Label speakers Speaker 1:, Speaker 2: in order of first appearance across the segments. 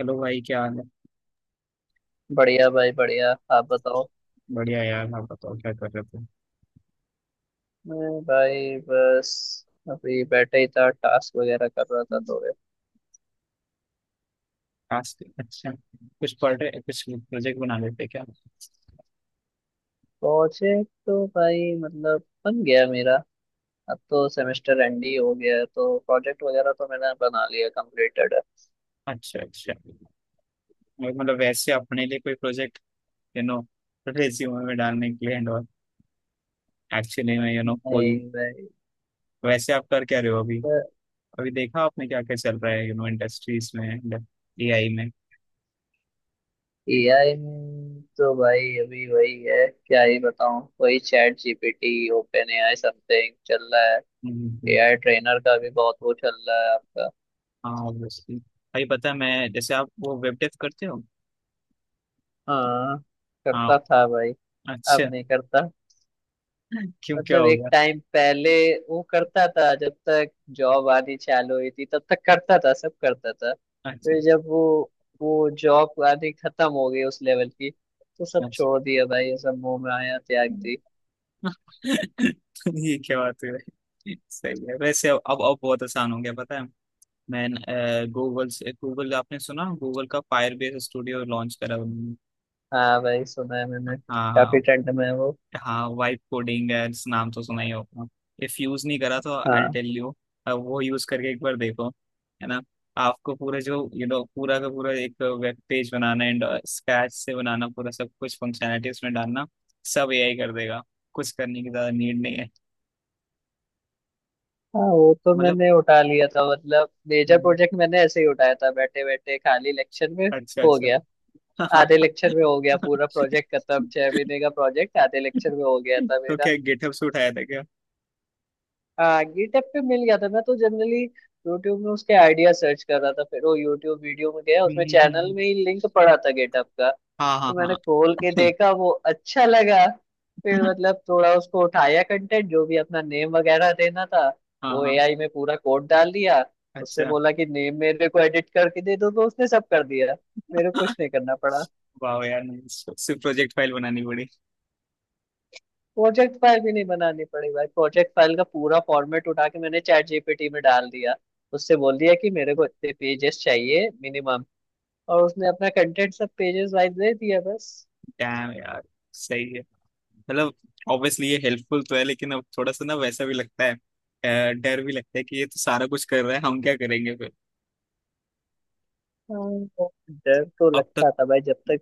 Speaker 1: Hello भाई, क्या हाल है।
Speaker 2: बढ़िया भाई, बढ़िया। आप बताओ।
Speaker 1: बढ़िया यार, आप बताओ क्या कर रहे थे।
Speaker 2: मैं भाई बस अभी बैठे ही था, टास्क वगैरह कर रहा था
Speaker 1: हम्म।
Speaker 2: थोड़े।
Speaker 1: आज तो, अच्छा, कुछ पढ़ रहे, कुछ प्रोजेक्ट बना लेते क्या।
Speaker 2: प्रोजेक्ट तो भाई मतलब बन गया मेरा। अब तो सेमेस्टर एंड ही हो गया है, तो प्रोजेक्ट वगैरह तो मैंने बना लिया, कंप्लीटेड है।
Speaker 1: अच्छा, अच्छा। और मतलब वैसे अपने लिए कोई प्रोजेक्ट, यू नो, रेज्यूमे में डालने के लिए एंड और एक्चुअली में यू नो फुल।
Speaker 2: नहीं भाई।
Speaker 1: वैसे आप कर क्या रहे हो अभी। अभी देखा आपने क्या क्या चल रहा है, यू नो इंडस्ट्रीज में एंड एआई में।
Speaker 2: एआई में तो भाई अभी वही है, क्या ही बताऊं, वही ChatGPT, OpenAI something चल रहा है।
Speaker 1: हम्म।
Speaker 2: एआई ट्रेनर का भी बहुत वो चल रहा है आपका।
Speaker 1: हाँ, ऑब्वियसली भाई, पता है मैं जैसे आप वो वेब डेव करते हो।
Speaker 2: हाँ,
Speaker 1: हाँ।
Speaker 2: करता था भाई।
Speaker 1: अच्छा।
Speaker 2: अब नहीं करता।
Speaker 1: क्यों, क्या
Speaker 2: मतलब
Speaker 1: हो
Speaker 2: एक
Speaker 1: गया।
Speaker 2: टाइम पहले वो करता था, जब तक जॉब आनी चालू हुई थी तब तक करता था, सब करता था।
Speaker 1: अच्छा,
Speaker 2: फिर जब वो जॉब आनी खत्म हो गई उस लेवल की, तो सब छोड़ दिया भाई,
Speaker 1: अच्छा।
Speaker 2: ये सब मुंह में आया त्याग दी।
Speaker 1: ये क्या बात है। सही है वैसे। अब बहुत आसान हो गया, पता है। मैं गूगल से, गूगल आपने सुना, गूगल का फायर बेस स्टूडियो लॉन्च करा उन्होंने।
Speaker 2: हाँ भाई, सुना है मैंने।
Speaker 1: हाँ,
Speaker 2: काफी
Speaker 1: हाँ,
Speaker 2: ठंड में है वो।
Speaker 1: हाँ। वाइब कोडिंग एड्स नाम तो सुना ही होगा। इफ यूज नहीं करा तो आई
Speaker 2: हाँ।
Speaker 1: टेल यू, वो यूज करके एक बार देखो, है ना। आपको पूरे जो यू नो पूरा का पूरा एक वेब पेज बनाना एंड स्क्रैच से बनाना, पूरा सब कुछ फंक्शनैलिटी उसमें डालना, सब एआई कर देगा। कुछ करने की ज्यादा नीड नहीं है।
Speaker 2: हाँ, वो तो
Speaker 1: मतलब,
Speaker 2: मैंने उठा लिया था। मतलब मेजर प्रोजेक्ट मैंने ऐसे ही उठाया था, बैठे बैठे खाली लेक्चर में
Speaker 1: अच्छा,
Speaker 2: हो
Speaker 1: अच्छा।
Speaker 2: गया। आधे लेक्चर में हो गया पूरा प्रोजेक्ट खत्म। 6 महीने का प्रोजेक्ट आधे लेक्चर में हो गया था
Speaker 1: तो
Speaker 2: मेरा।
Speaker 1: क्या गेटअप से उठाया था क्या।
Speaker 2: हाँ, गिटहब पे मिल गया था। मैं तो जनरली यूट्यूब में उसके आइडिया सर्च कर रहा था, फिर वो यूट्यूब वीडियो में गया, उसमें चैनल में ही लिंक पड़ा था गिटहब का।
Speaker 1: हाँ,
Speaker 2: तो
Speaker 1: हाँ,
Speaker 2: मैंने खोल के
Speaker 1: हाँ।
Speaker 2: देखा, वो अच्छा लगा। फिर मतलब थोड़ा उसको उठाया, कंटेंट जो भी अपना नेम वगैरह देना था
Speaker 1: हाँ,
Speaker 2: वो
Speaker 1: हाँ।
Speaker 2: एआई में पूरा कोड डाल दिया। उससे
Speaker 1: अच्छा।
Speaker 2: बोला कि नेम मेरे को एडिट करके दे दो, तो उसने सब कर दिया। मेरे को कुछ नहीं करना पड़ा।
Speaker 1: वाह यार। नहीं, सिर्फ प्रोजेक्ट फाइल बनानी पड़ी।
Speaker 2: प्रोजेक्ट फाइल भी नहीं बनानी पड़ी भाई। प्रोजेक्ट फाइल का पूरा फॉर्मेट उठा के मैंने चैट जीपीटी में डाल दिया। उससे बोल दिया कि मेरे को इतने पेजेस चाहिए मिनिमम, और उसने अपना कंटेंट सब पेजेस वाइज दे दिया बस।
Speaker 1: डैम यार, सही है। मतलब, ऑब्वियसली ये हेल्पफुल तो है, लेकिन अब थोड़ा सा ना वैसा भी लगता है, डर भी लगता है कि ये तो सारा कुछ कर रहा है, हम क्या करेंगे फिर।
Speaker 2: हाँ, डर तो
Speaker 1: अब तक।
Speaker 2: लगता था भाई, जब तक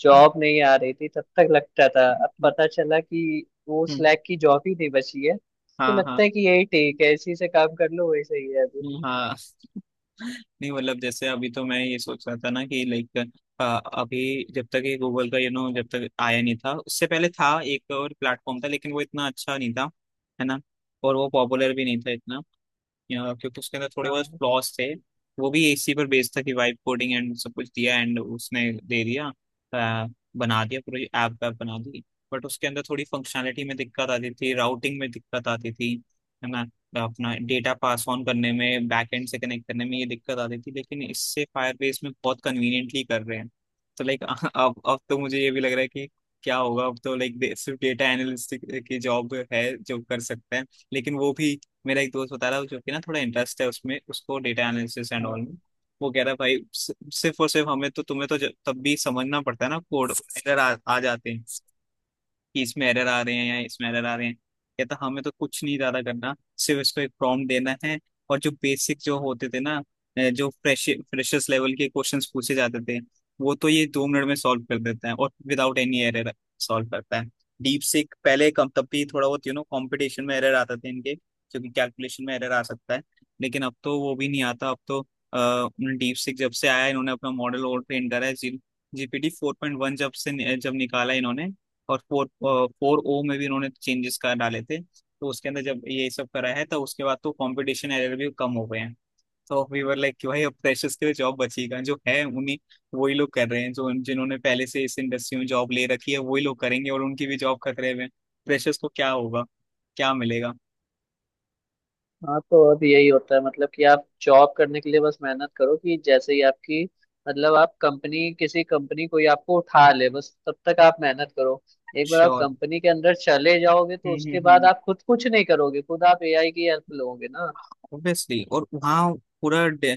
Speaker 2: जॉब नहीं आ रही थी तब तक लगता था। अब
Speaker 1: हम्म,
Speaker 2: पता चला कि वो
Speaker 1: हम्म।
Speaker 2: स्लैक की जॉब ही नहीं बची है, तो
Speaker 1: हाँ, हाँ।
Speaker 2: लगता है कि यही ठीक है, इसी से काम कर लो, वही सही है अभी।
Speaker 1: हाँ। नहीं, मतलब जैसे अभी तो मैं ये सोच रहा था ना, कि लाइक अभी जब तक ये गूगल का यू नो जब तक आया नहीं था, उससे पहले था एक और प्लेटफॉर्म था, लेकिन वो इतना अच्छा नहीं था, है ना। और वो पॉपुलर भी नहीं था इतना, या क्योंकि उसके अंदर थोड़े बहुत
Speaker 2: हाँ,
Speaker 1: फ्लॉज थे। वो भी इसी पर बेस्ड था कि वाइब कोडिंग एंड सब कुछ दिया, एंड उसने दे दिया, अ, बना दिया, पूरी ऐप वैप बना दी। बट उसके अंदर थोड़ी फंक्शनैलिटी में दिक्कत आती थी, राउटिंग में दिक्कत आती थी, है ना। अपना डेटा पास ऑन करने में, बैकएंड से कनेक्ट करने में ये दिक्कत आती थी, लेकिन इससे फायरबेस में बहुत कन्वीनियंटली कर रहे हैं। तो लाइक अब तो मुझे ये भी लग रहा है कि क्या होगा अब। तो लाइक सिर्फ डेटा एनालिस्ट की जॉब है जो कर सकते हैं, लेकिन वो भी, मेरा एक दोस्त बता रहा है जो कि ना थोड़ा इंटरेस्ट है उसमें, उसको डेटा एनालिसिस एंड ऑल
Speaker 2: हाँ।
Speaker 1: में। वो कह रहा है, भाई सिर्फ और सिर्फ हमें तो, तुम्हें तो तब भी समझना पड़ता है ना कोड, एरर आ जाते हैं कि इसमें एरर आ रहे हैं या इसमें एरर आ रहे हैं। कहता हमें तो कुछ नहीं ज्यादा करना, सिर्फ इसको एक प्रॉम्प्ट देना है। और जो बेसिक जो होते थे ना, जो फ्रेशर्स लेवल के क्वेश्चंस पूछे जाते थे, वो तो ये 2 मिनट में सॉल्व कर देता है, और विदाउट एनी एरर सॉल्व करता है। डीप सीक पहले कम, तब भी थोड़ा बहुत यू नो कॉम्पिटिशन में एरर आते थे इनके, क्योंकि कैलकुलेशन में एरर आ सकता है, लेकिन अब तो वो भी नहीं आता। अब तो डीप सीक जब से आया, इन्होंने अपना मॉडल और ट्रेन करा है। जी, जीपीटी 4.1 जब से जब निकाला इन्होंने, और फोर 4o में भी इन्होंने चेंजेस कर डाले थे, तो उसके अंदर जब ये सब करा है, तो उसके बाद तो कंपटीशन एरर भी कम हो गए हैं। तो वी वर लाइक कि भाई अब फ्रेशर्स के लिए जॉब बचेगा जो है उन्हीं, वही लोग कर रहे हैं जो जिन्होंने पहले से इस इंडस्ट्री में जॉब ले रखी है वही लोग करेंगे, और उनकी भी जॉब खतरे में, फ्रेशर्स को क्या होगा, क्या मिलेगा।
Speaker 2: हाँ, तो अब यही होता है। मतलब कि आप जॉब करने के लिए बस मेहनत करो, कि जैसे ही आपकी, मतलब आप कंपनी किसी कंपनी कोई आपको उठा ले, बस तब तक आप मेहनत करो। एक बार आप
Speaker 1: श्योर,
Speaker 2: कंपनी के अंदर चले जाओगे तो उसके बाद आप खुद कुछ नहीं करोगे, खुद आप एआई की हेल्प लोगे ना।
Speaker 1: ऑब्वियसली। और वहाँ पूरा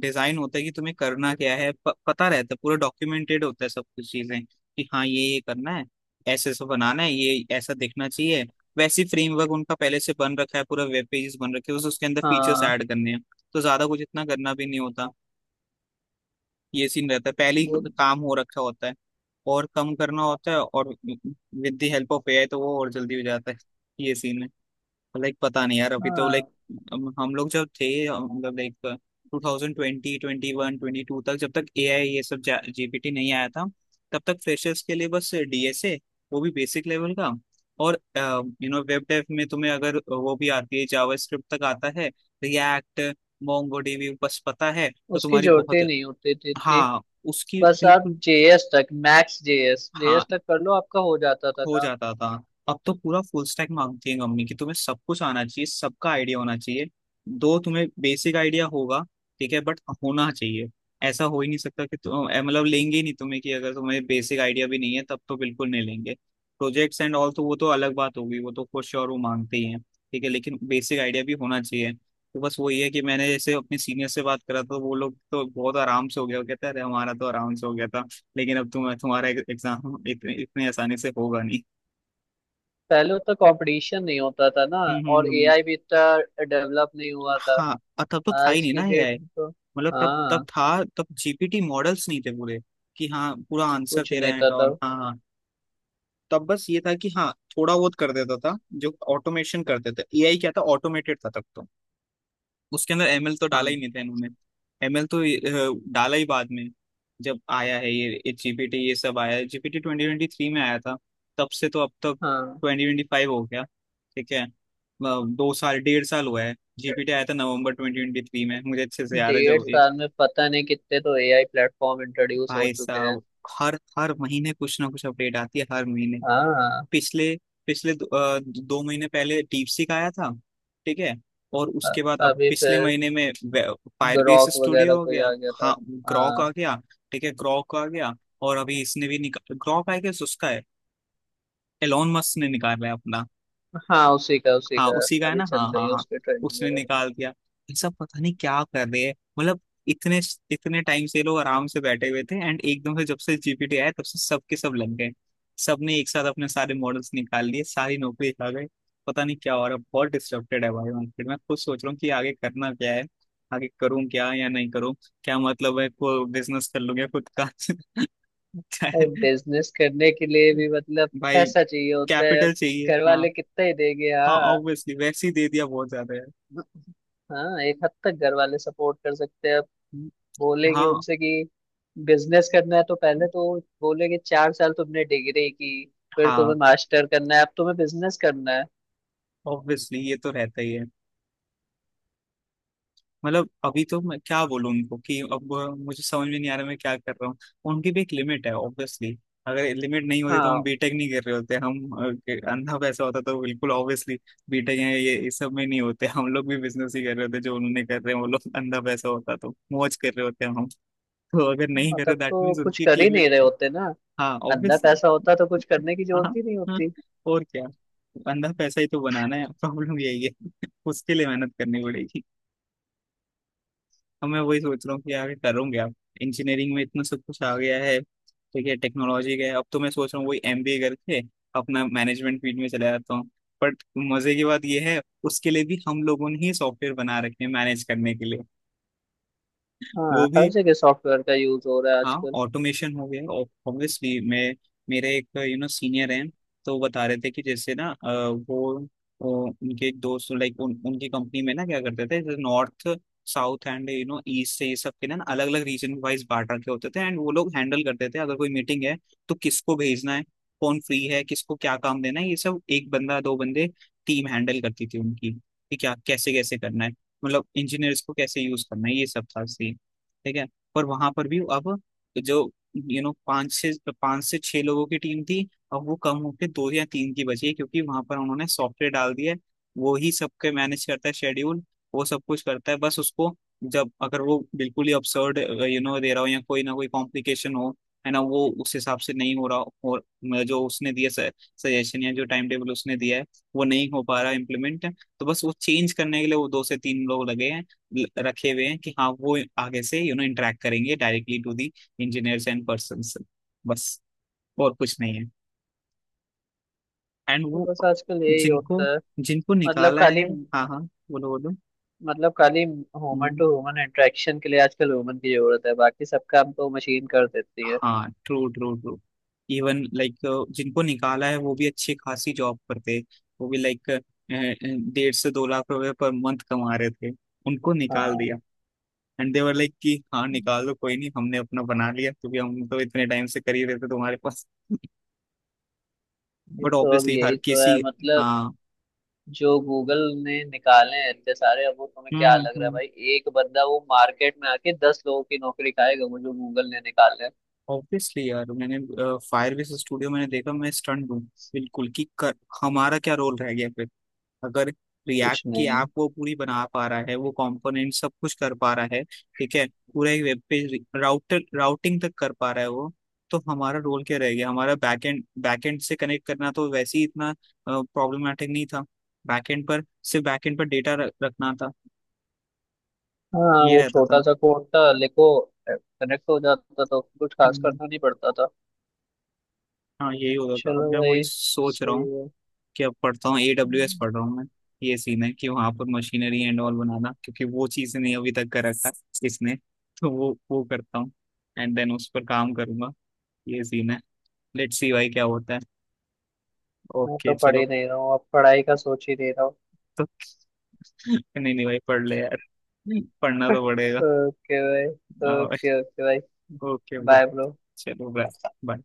Speaker 1: डिजाइन होता है कि तुम्हें करना क्या है, पता रहता है, पूरा डॉक्यूमेंटेड होता है सब कुछ चीजें, कि हाँ ये करना है, ऐसे ऐसे बनाना है, ये ऐसा दिखना चाहिए, वैसी फ्रेमवर्क उनका पहले से बन रखा है, पूरा वेब पेजेस बन रखे हैं, बस उसके अंदर फीचर्स
Speaker 2: हाँ।
Speaker 1: ऐड करने हैं। तो ज्यादा कुछ इतना करना भी नहीं होता, ये सीन रहता है पहले ही
Speaker 2: वो
Speaker 1: काम हो रखा होता है, और कम करना होता है, और with the help of AI तो वो और जल्दी हो जाता है। ये सीन है। लाइक पता नहीं यार, अभी तो लाइक
Speaker 2: हाँ,
Speaker 1: हम लोग जब थे, मतलब लाइक 2020, 2021, 2022 तक, जब तक एआई ये सब जीपीटी नहीं आया था, तब तक फ्रेशर्स के लिए बस डीएसए, वो भी बेसिक लेवल का, और यू नो वेब डेव में तुम्हें अगर वो भी आती है जावास्क्रिप्ट तक आता है रिएक्ट मोंगोडीबी बस पता है तो
Speaker 2: उसकी
Speaker 1: तुम्हारी
Speaker 2: जरूरत
Speaker 1: बहुत।
Speaker 2: ही नहीं होती थी इतनी।
Speaker 1: हाँ, उसकी
Speaker 2: बस आप
Speaker 1: बिल्कुल।
Speaker 2: जेएस तक, मैक्स जेएस
Speaker 1: हाँ,
Speaker 2: जेएस तक कर लो, आपका हो जाता था
Speaker 1: हो
Speaker 2: काम।
Speaker 1: जाता था। अब तो पूरा फुल स्टैक मांगती है मम्मी कि तुम्हें सब कुछ आना चाहिए, सबका आइडिया होना चाहिए। दो तुम्हें बेसिक आइडिया होगा, ठीक है, बट होना चाहिए। ऐसा हो ही नहीं सकता कि तुम, मतलब लेंगे ही नहीं तुम्हें, कि अगर तुम्हें बेसिक आइडिया भी नहीं है तब तो बिल्कुल नहीं लेंगे। प्रोजेक्ट्स एंड ऑल तो वो तो अलग बात होगी, वो तो खुश और वो मांगते ही हैं, ठीक है, लेकिन बेसिक आइडिया भी होना चाहिए। तो बस वही है, कि मैंने जैसे अपने सीनियर से बात करा तो वो लोग तो बहुत आराम से हो गया, वो कहते हैं अरे हमारा तो आराम से हो गया था, लेकिन अब तुम, तुम्हारा एग्जाम इतने आसानी से होगा नहीं।
Speaker 2: पहले उतना कंपटीशन नहीं होता था ना,
Speaker 1: हम्म,
Speaker 2: और एआई भी इतना डेवलप नहीं हुआ था।
Speaker 1: हाँ, और तब तो था ही
Speaker 2: आज
Speaker 1: नहीं
Speaker 2: की
Speaker 1: ना
Speaker 2: डेट
Speaker 1: एआई।
Speaker 2: में तो
Speaker 1: मतलब तब तब
Speaker 2: हाँ,
Speaker 1: था, तब जीपीटी मॉडल्स नहीं थे पूरे कि हाँ पूरा आंसर
Speaker 2: कुछ
Speaker 1: दे रहा
Speaker 2: नहीं
Speaker 1: है
Speaker 2: था
Speaker 1: एंड ऑल।
Speaker 2: तब।
Speaker 1: हाँ, हाँ। तब बस ये था कि हाँ थोड़ा बहुत कर देता था, जो ऑटोमेशन करते थे, एआई क्या था, ऑटोमेटेड था तब तो। उसके अंदर एमएल तो डाला
Speaker 2: हाँ,
Speaker 1: ही नहीं था इन्होंने। एमएल तो डाला ही बाद में, जब आया है ये जीपीटी, ये सब आया है, जीपीटी 2023 में आया था। तब से तो अब तक
Speaker 2: हाँ।
Speaker 1: 2025 हो गया। ठीक है। 2 साल, 1.5 साल हुआ है, जीपीटी आया था नवंबर 2023 में, मुझे अच्छे से याद है
Speaker 2: डेढ़
Speaker 1: जब ये-
Speaker 2: साल में पता नहीं कितने तो एआई प्लेटफॉर्म इंट्रोड्यूस हो
Speaker 1: भाई
Speaker 2: चुके हैं।
Speaker 1: साहब, हर हर महीने कुछ ना कुछ अपडेट आती है, हर महीने।
Speaker 2: हाँ।
Speaker 1: पिछले पिछले दो, अ, 2 महीने पहले डीपसीक आया था, ठीक है। और
Speaker 2: अ-
Speaker 1: उसके बाद अब
Speaker 2: अभी
Speaker 1: पिछले
Speaker 2: फिर
Speaker 1: महीने में फायरबेस
Speaker 2: ग्रॉक
Speaker 1: स्टूडियो
Speaker 2: वगैरह
Speaker 1: हो
Speaker 2: कोई
Speaker 1: गया।
Speaker 2: आ गया था।
Speaker 1: हाँ, ग्रॉक आ
Speaker 2: हाँ।
Speaker 1: गया। ठीक है, ग्रॉक आ गया। और अभी इसने भी निकाल ग्रॉक आएगा उसका है, एलोन मस्क ने निकाला है अपना।
Speaker 2: हाँ, उसी का, उसी
Speaker 1: हाँ
Speaker 2: का।
Speaker 1: उसी का है
Speaker 2: अभी
Speaker 1: ना,
Speaker 2: चल
Speaker 1: हाँ,
Speaker 2: रही
Speaker 1: हाँ,
Speaker 2: है
Speaker 1: हाँ।
Speaker 2: उसकी ट्रेनिंग
Speaker 1: उसने
Speaker 2: वगैरह।
Speaker 1: निकाल दिया। ये सब पता नहीं क्या कर रहे हैं, मतलब इतने, इतने टाइम से ये लोग आराम से बैठे हुए थे, एंड एकदम से जब से जीपीटी आया तब से सबके सब लग गए, सबने एक साथ अपने सारे मॉडल्स निकाल लिए, सारी नौकरी खा गए। पता नहीं क्या हो रहा है। बहुत डिस्टर्बेड है भाई मार्केट। मैं खुद सोच रहा हूँ कि आगे करना क्या है, आगे करूँ क्या या नहीं करूँ, क्या मतलब है, को बिजनेस कर लूँ या खुद का।
Speaker 2: और बिजनेस करने के लिए भी मतलब
Speaker 1: भाई,
Speaker 2: पैसा चाहिए होता है अब।
Speaker 1: कैपिटल चाहिए,
Speaker 2: घर
Speaker 1: हाँ।
Speaker 2: वाले कितना ही देंगे।
Speaker 1: हाँ,
Speaker 2: हाँ।
Speaker 1: ऑब्वियसली वैसे ही दे दिया बहुत ज्यादा
Speaker 2: हाँ, एक हद तक घर वाले सपोर्ट कर सकते हैं।
Speaker 1: है।
Speaker 2: बोलेंगे
Speaker 1: हाँ,
Speaker 2: उनसे कि बिजनेस करना है, तो पहले तो बोलेंगे 4 साल तुमने डिग्री की, फिर तुम्हें
Speaker 1: हाँ,
Speaker 2: मास्टर करना है, अब तुम्हें बिजनेस करना है।
Speaker 1: ऑब्वियसली ये तो रहता ही है। मतलब अभी तो मैं क्या बोलूँ उनको कि अब मुझे समझ में नहीं आ रहा मैं क्या कर रहा हूँ। उनकी भी एक लिमिट है, ऑब्वियसली। अगर लिमिट नहीं होती तो हम
Speaker 2: हाँ,
Speaker 1: बीटेक नहीं कर रहे होते, हम अंधा पैसा होता तो बिल्कुल ऑब्वियसली बीटेक है ये, इस सब में नहीं होते हम लोग भी, बिजनेस ही कर रहे होते जो उन्होंने कर रहे हैं वो लोग, अंधा पैसा होता तो मौज कर रहे होते हैं हम। तो अगर नहीं
Speaker 2: हाँ,
Speaker 1: करे
Speaker 2: तब
Speaker 1: दैट
Speaker 2: तो
Speaker 1: मीन्स
Speaker 2: कुछ
Speaker 1: उनकी एक
Speaker 2: कर ही
Speaker 1: लिमिट
Speaker 2: नहीं रहे
Speaker 1: है।
Speaker 2: होते ना।
Speaker 1: हाँ,
Speaker 2: अंदर
Speaker 1: ऑब्वियसली।
Speaker 2: पैसा होता तो कुछ करने की
Speaker 1: हाँ,
Speaker 2: जरूरत ही नहीं
Speaker 1: हाँ,
Speaker 2: होती।
Speaker 1: और क्या। बंदा पैसा ही तो बनाना है, प्रॉब्लम यही है। उसके लिए मेहनत करनी पड़ेगी। अब मैं वही सोच रहा हूँ कि आगे करूँगा आप, इंजीनियरिंग में इतना सब कुछ आ गया है, ठीक है, टेक्नोलॉजी का है, अब तो मैं सोच रहा हूँ वही एमबीए करके अपना मैनेजमेंट फील्ड में चला जाता हूँ, बट मजे की बात यह है, उसके लिए भी हम लोगों ने ही सॉफ्टवेयर बना रखे हैं मैनेज करने के लिए।
Speaker 2: हाँ,
Speaker 1: वो
Speaker 2: हर
Speaker 1: भी,
Speaker 2: जगह सॉफ्टवेयर का यूज हो रहा है
Speaker 1: हाँ,
Speaker 2: आजकल।
Speaker 1: ऑटोमेशन हो गया, ऑब्वियसली। मैं मेरे एक यू नो सीनियर हैं, तो वो बता रहे थे कि जैसे ना, वो, वो उनके एक दोस्त लाइक उनकी कंपनी में ना क्या करते थे, जैसे north, south and you know east से ये सब के ना, अलग अलग रीजन वाइज बांट रखे होते थे, एंड वो लोग हैंडल करते थे अगर कोई मीटिंग है तो किसको भेजना है, कौन फ्री है, किसको क्या काम देना है, ये सब एक बंदा, दो बंदे, टीम हैंडल करती थी उनकी, कि क्या कैसे कैसे करना है, मतलब इंजीनियर्स को कैसे यूज करना है, ये सब था सीन, ठीक है। पर वहां पर भी अब, तो जो यू नो पांच से, छह लोगों की टीम थी, और वो कम होकर 2 या 3 की बची है, क्योंकि वहां पर उन्होंने सॉफ्टवेयर डाल दिया है, वो ही सबके मैनेज करता है शेड्यूल, वो सब कुछ करता है, बस उसको जब अगर वो बिल्कुल ही अपसर्ड यू नो दे रहा हो या कोई ना कोई कॉम्प्लिकेशन हो, है ना, वो उस हिसाब से नहीं हो रहा हो, और जो उसने दिया सजेशन या जो टाइम टेबल उसने दिया है, वो नहीं हो पा रहा इम्प्लीमेंट, तो बस वो चेंज करने के लिए वो 2 से 3 लोग लगे हैं, रखे हुए हैं कि हाँ वो आगे से यू नो इंटरेक्ट करेंगे directly to the engineers and persons, बस, और कुछ नहीं है। एंड
Speaker 2: तो
Speaker 1: वो
Speaker 2: बस आजकल यही
Speaker 1: जिनको
Speaker 2: होता है।
Speaker 1: जिनको
Speaker 2: मतलब
Speaker 1: निकाला
Speaker 2: खाली
Speaker 1: है। हाँ, हाँ, बोलो, बोलो।
Speaker 2: मतलब खाली human
Speaker 1: hmm,
Speaker 2: to human interaction के लिए आजकल ह्यूमन की जरूरत है, बाकी सब काम तो मशीन कर देती है।
Speaker 1: हाँ, true, true, true. Even like जिनको निकाला है वो भी अच्छी खासी जॉब करते, वो भी लाइक 1.5 से 2 लाख रुपए पर मंथ कमा रहे थे, उनको निकाल दिया,
Speaker 2: हाँ,
Speaker 1: एंड दे वर लाइक कि हाँ निकाल दो, कोई नहीं, हमने अपना बना लिया, क्योंकि हम तो इतने टाइम से कर ही रहे थे तुम्हारे पास।
Speaker 2: ये
Speaker 1: बट
Speaker 2: तो अब
Speaker 1: ऑब्वियसली हर
Speaker 2: यही तो
Speaker 1: किसी,
Speaker 2: है मतलब।
Speaker 1: हाँ।
Speaker 2: जो गूगल ने निकाले हैं इतने सारे, अब वो तुम्हें
Speaker 1: हम्म,
Speaker 2: क्या
Speaker 1: हम्म,
Speaker 2: लग रहा है भाई, एक बंदा वो मार्केट में आके 10 लोगों की नौकरी खाएगा, वो जो गूगल ने निकाले हैं।
Speaker 1: ऑब्वियसली यार, मैंने फायर विस स्टूडियो मैंने देखा, मैं स्टंट हूँ बिल्कुल, कि हमारा क्या रोल रह गया फिर, अगर रिएक्ट
Speaker 2: कुछ
Speaker 1: की
Speaker 2: नहीं
Speaker 1: ऐप
Speaker 2: है।
Speaker 1: वो पूरी बना पा रहा है, वो कंपोनेंट सब कुछ कर पा रहा है, ठीक है, पूरा एक वेब पेज राउटर राउटिंग तक कर पा रहा है वो, तो हमारा रोल क्या रह गया, हमारा बैकएंड, बैकएंड से कनेक्ट करना तो वैसे ही इतना प्रॉब्लमेटिक नहीं था, बैकएंड पर, सिर्फ बैकएंड पर डेटा रखना था,
Speaker 2: हाँ,
Speaker 1: ये
Speaker 2: वो
Speaker 1: रहता था।
Speaker 2: छोटा सा कोड था, लिखो, कनेक्ट हो जाता था, कुछ खास
Speaker 1: हम्म,
Speaker 2: करना नहीं पड़ता था।
Speaker 1: हाँ यही होता था।
Speaker 2: चलो
Speaker 1: अब मैं वही
Speaker 2: भाई,
Speaker 1: सोच रहा हूँ
Speaker 2: सही है।
Speaker 1: क्या पढ़ता हूँ, AWS
Speaker 2: हम्म।
Speaker 1: पढ़ रहा हूँ मैं, ये सीन है कि वहां पर मशीनरी एंड ऑल बनाना, क्योंकि वो चीज नहीं अभी तक कर रखा इसने, तो वो करता हूँ, एंड देन उस पर काम करूंगा, ये सीन है, लेट्स सी भाई क्या होता है।
Speaker 2: मैं
Speaker 1: ओके
Speaker 2: तो पढ़ ही
Speaker 1: चलो
Speaker 2: नहीं रहा हूँ, अब पढ़ाई का सोच ही नहीं रहा हूँ।
Speaker 1: तो। नहीं, नहीं भाई, पढ़ ले यार, पढ़ना तो पड़ेगा।
Speaker 2: ओके भाई। ओके ओके भाई।
Speaker 1: Okay bro.
Speaker 2: Bye bro.
Speaker 1: चलो ब्रो।